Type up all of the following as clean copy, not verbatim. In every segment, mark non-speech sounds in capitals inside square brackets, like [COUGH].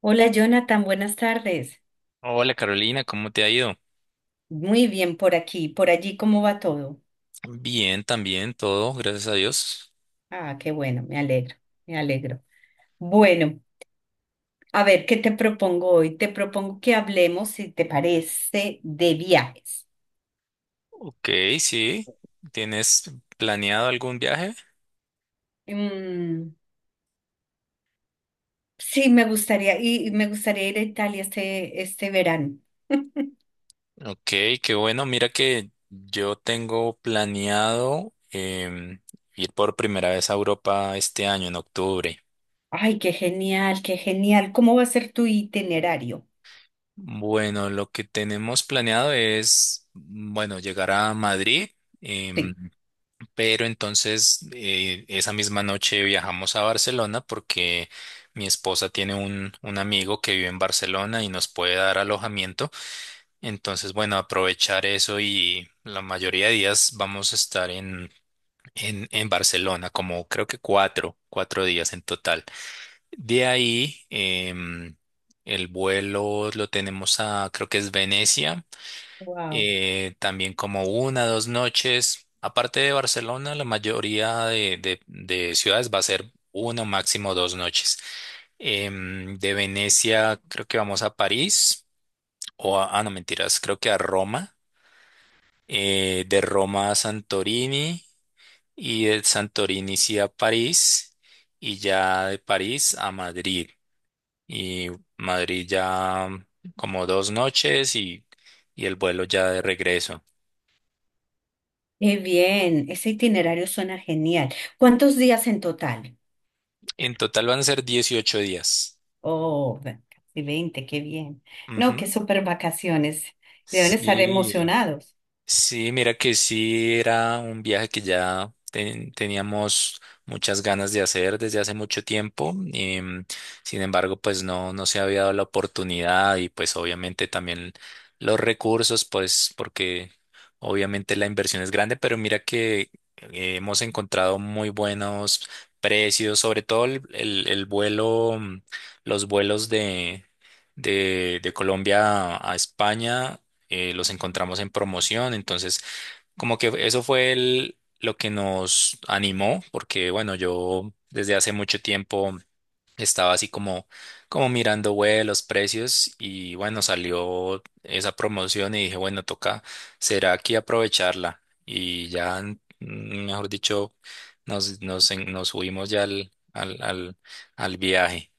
Hola Jonathan, buenas tardes. Hola Carolina, ¿cómo te ha ido? Muy bien por aquí, por allí, ¿cómo va todo? Bien, también todo, gracias a Dios. Ah, qué bueno, me alegro, me alegro. Bueno, a ver, ¿qué te propongo hoy? Te propongo que hablemos, si te parece, de viajes. Ok, sí. ¿Tienes planeado algún viaje? Mm, sí, me gustaría, y me gustaría ir a Italia este verano. Ok, qué bueno. Mira que yo tengo planeado ir por primera vez a Europa este año, en octubre. Ay, qué genial, qué genial. ¿Cómo va a ser tu itinerario? Bueno, lo que tenemos planeado es, bueno, llegar a Madrid. em, Sí. Pero entonces esa misma noche viajamos a Barcelona porque mi esposa tiene un amigo que vive en Barcelona y nos puede dar alojamiento. Entonces, bueno, aprovechar eso y la mayoría de días vamos a estar en Barcelona, como creo que cuatro, cuatro días en total. De ahí, el vuelo lo tenemos a, creo que es Venecia, Wow. También como una, dos noches. Aparte de Barcelona, la mayoría de ciudades va a ser una, o máximo dos noches. De Venecia, creo que vamos a París, o a, ah, no, mentiras, creo que a Roma. De Roma a Santorini, y de Santorini sí a París, y ya de París a Madrid. Y Madrid ya como dos noches y el vuelo ya de regreso. Qué bien, ese itinerario suena genial. ¿Cuántos días en total? En total van a ser 18 días. Oh, ve- casi veinte, qué bien. No, qué Ujú. súper vacaciones. Deben estar Sí. emocionados. Sí, mira que sí era un viaje que ya teníamos muchas ganas de hacer desde hace mucho tiempo. Sin embargo, pues no, no se había dado la oportunidad y pues obviamente también los recursos, pues porque obviamente la inversión es grande, pero mira que hemos encontrado muy buenos precios, sobre todo el vuelo, los vuelos de Colombia a España, los encontramos en promoción, entonces como que eso fue lo que nos animó, porque bueno, yo desde hace mucho tiempo estaba así como, como mirando web, los precios y bueno, salió esa promoción y dije, bueno, toca, será aquí aprovecharla y ya, mejor dicho, nos subimos ya al viaje.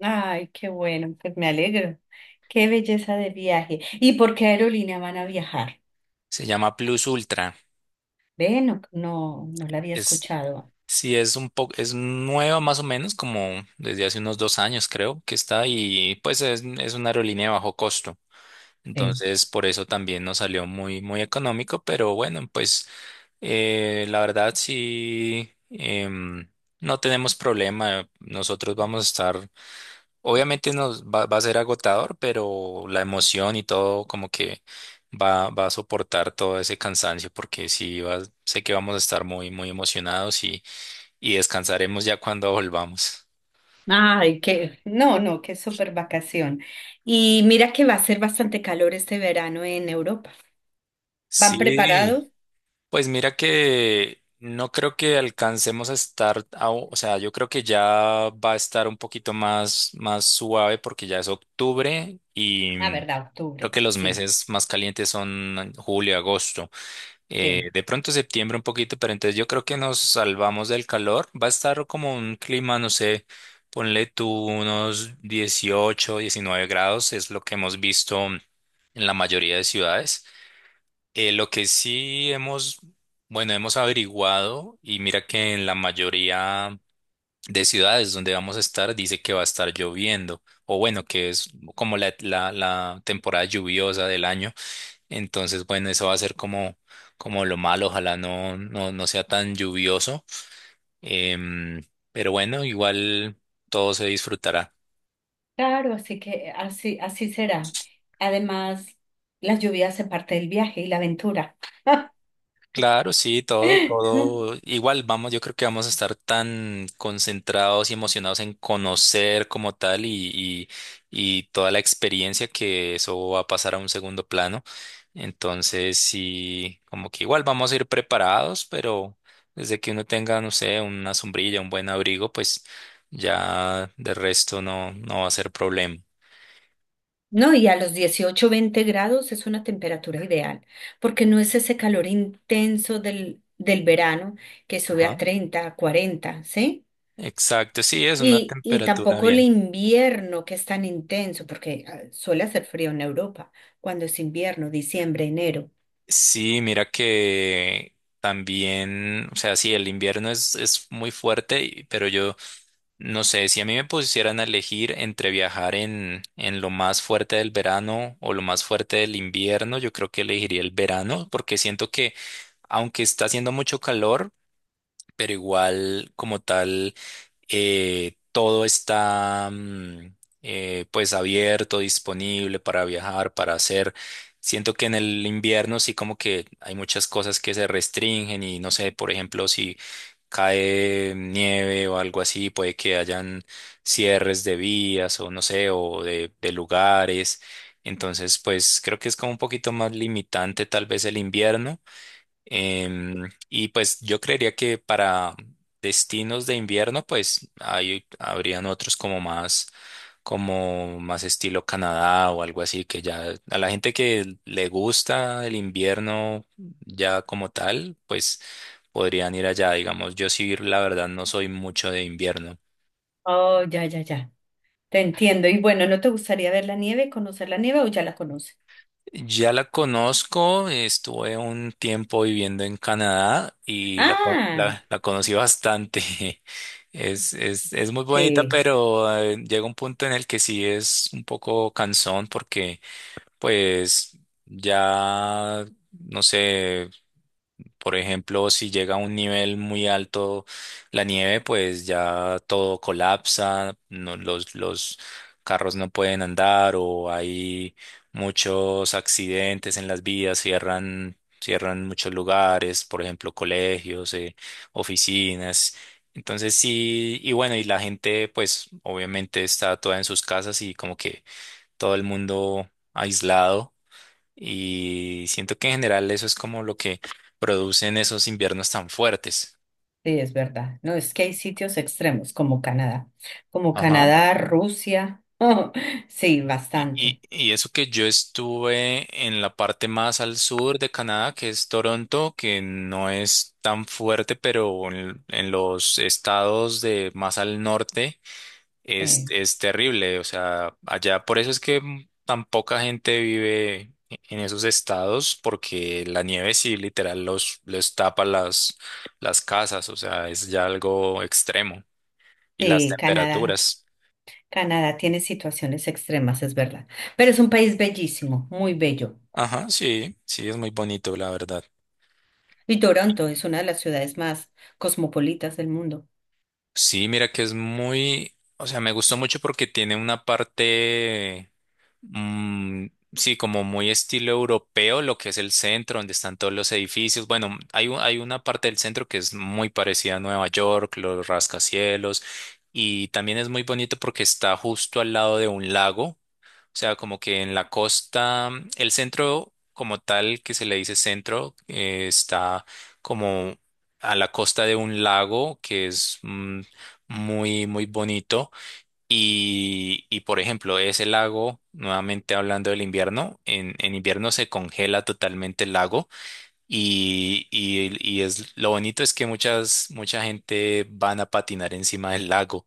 Ay, qué bueno, pues me alegro. Qué belleza de viaje. ¿Y por qué aerolínea van a viajar? Se llama Plus Ultra. Ve, no, no, no la había Es, escuchado. Sí, es un poco, es nueva más o menos, como desde hace unos dos años creo que está y pues es una aerolínea de bajo costo. Sí. Entonces, por eso también nos salió muy, muy económico, pero bueno, pues la verdad sí, no tenemos problema. Nosotros vamos a estar, obviamente nos va, va a ser agotador, pero la emoción y todo como que va, va a soportar todo ese cansancio porque sí, sé que vamos a estar muy, muy emocionados y descansaremos ya cuando volvamos. Ay, qué, no, no, qué súper vacación. Y mira que va a ser bastante calor este verano en Europa. ¿Van preparados? Sí, pues mira que no creo que alcancemos a estar, o sea, yo creo que ya va a estar un poquito más, más suave porque ya es octubre y Ah, verdad, creo octubre, que los sí, meses más calientes son julio, agosto. sí. De pronto septiembre un poquito, pero entonces yo creo que nos salvamos del calor. Va a estar como un clima, no sé, ponle tú unos 18 19 grados, es lo que hemos visto en la mayoría de ciudades. Lo que sí hemos, bueno, hemos averiguado y mira que en la mayoría de ciudades donde vamos a estar dice que va a estar lloviendo, o bueno, que es como la, la temporada lluviosa del año. Entonces, bueno, eso va a ser como, como lo malo, ojalá no, no, no sea tan lluvioso. Em, pero bueno, igual todo se disfrutará. Claro, así que así, así será. Además, las lluvias se parte del viaje y la aventura. Claro, sí, todo, [LAUGHS] todo. Igual vamos, yo creo que vamos a estar tan concentrados y emocionados en conocer como tal y toda la experiencia que eso va a pasar a un segundo plano. Entonces, sí, como que igual vamos a ir preparados, pero desde que uno tenga, no sé, una sombrilla, un buen abrigo, pues ya de resto no, no va a ser problema. No, y a los 18 20 grados es una temperatura ideal, porque no es ese calor intenso del verano que sube a Ajá. 30 a 40, ¿sí? Exacto, sí, es una Y temperatura tampoco el bien. invierno que es tan intenso, porque ah, suele hacer frío en Europa, cuando es invierno, diciembre, enero. Sí, mira que también, o sea, sí, el invierno es muy fuerte, pero yo no sé, si a mí me pusieran a elegir entre viajar en lo más fuerte del verano o lo más fuerte del invierno, yo creo que elegiría el verano, porque siento que aunque está haciendo mucho calor, pero igual como tal todo está pues abierto, disponible para viajar, para hacer. Siento que en el invierno sí como que hay muchas cosas que se restringen y no sé, por ejemplo, si cae nieve o algo así, puede que hayan cierres de vías o no sé, o de lugares. Entonces, pues creo que es como un poquito más limitante tal vez el invierno. Y pues yo creería que para destinos de invierno, pues ahí habrían otros como más estilo Canadá o algo así, que ya a la gente que le gusta el invierno ya como tal, pues podrían ir allá, digamos. Yo sí, la verdad, no soy mucho de invierno. Oh, ya, ya, ya. Te entiendo. Y bueno, ¿no te gustaría ver la nieve, conocer la nieve o ya la conoces? Ya la conozco, estuve un tiempo viviendo en Canadá y la, Ah, la, la conocí bastante. [LAUGHS] Es muy bonita, sí, pero llega un punto en el que sí es un poco cansón porque pues ya, no sé. Por ejemplo, si llega a un nivel muy alto la nieve, pues ya todo colapsa, los carros no pueden andar o hay muchos accidentes en las vías, cierran, cierran muchos lugares, por ejemplo, colegios, oficinas. Entonces sí, y bueno, y la gente pues obviamente está toda en sus casas y como que todo el mundo aislado. Y siento que en general eso es como lo que producen esos inviernos tan fuertes. sí, es verdad. No, es que hay sitios extremos como Ajá. Canadá, Rusia. [LAUGHS] sí, bastante. Y eso que yo estuve en la parte más al sur de Canadá, que es Toronto, que no es tan fuerte, pero en los estados de más al norte. Sí, Es terrible, o sea, allá por eso es que tan poca gente vive en esos estados, porque la nieve sí literal los, les tapa las casas, o sea, es ya algo extremo. Y las sí, Canadá. temperaturas. Canadá tiene situaciones extremas, es verdad. Pero es un país bellísimo, muy bello. Ajá, sí, sí, es muy bonito, la verdad. Y Toronto es una de las ciudades más cosmopolitas del mundo. Sí, mira que es muy, o sea, me gustó mucho porque tiene una parte Mm, sí, como muy estilo europeo, lo que es el centro, donde están todos los edificios. Bueno, hay, hay una parte del centro que es muy parecida a Nueva York, los rascacielos, y también es muy bonito porque está justo al lado de un lago, o sea, como que en la costa, el centro como tal, que se le dice centro, está como a la costa de un lago que es muy, muy bonito. Y, por ejemplo, ese lago, nuevamente hablando del invierno, en invierno se congela totalmente el lago y es lo bonito es que muchas, mucha gente van a patinar encima del lago.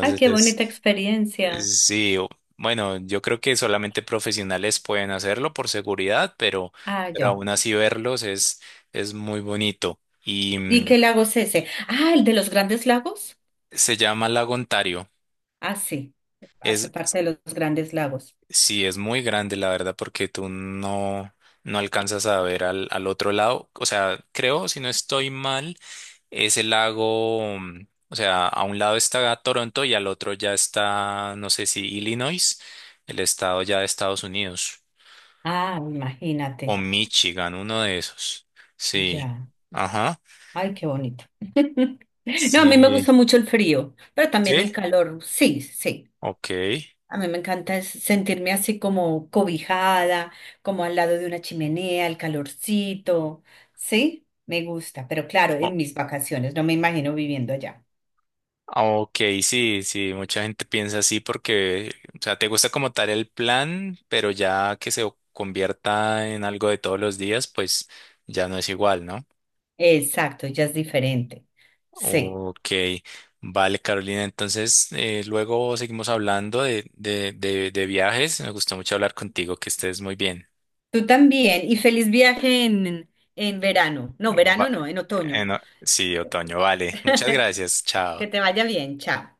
Ay, qué bonita es, experiencia. Sí, bueno, yo creo que solamente profesionales pueden hacerlo por seguridad, Ah, pero ya. aún así verlos es muy bonito. Y ¿Y qué lago es ese? Ah, el de los grandes lagos. se llama Lago Ontario. Ah, sí, hace Es parte de los Grandes Lagos. Sí, es muy grande, la verdad, porque tú no, no alcanzas a ver al, al otro lado. O sea, creo, si no estoy mal, es el lago, o sea, a un lado está Toronto y al otro ya está, no sé si Illinois, el estado ya de Estados Unidos, Ah, o imagínate, Michigan, uno de esos. Sí. ya. Ajá. Ay, qué bonito. [LAUGHS] No, a mí me Sí. gusta mucho el frío, pero también ¿Sí? el calor. Sí, sí. Ok. A mí me encanta es sentirme así como cobijada, como al lado de una chimenea, el calorcito. Sí, me gusta, pero claro, en mis vacaciones, no me imagino viviendo allá. Ok, sí, sí, mucha gente piensa así porque, o sea, te gusta como tal el plan, pero ya que se convierta en algo de todos los días, pues ya no es igual, ¿no? Exacto, ya es diferente. Sí. Ok, vale, Carolina, entonces luego seguimos hablando de viajes. Me gustó mucho hablar contigo, que estés muy bien. Tú también, y feliz viaje en verano. No, Va- verano no, en otoño. no, sí, Otoño, vale. Muchas [LAUGHS] gracias, chao. Que te vaya bien, chao.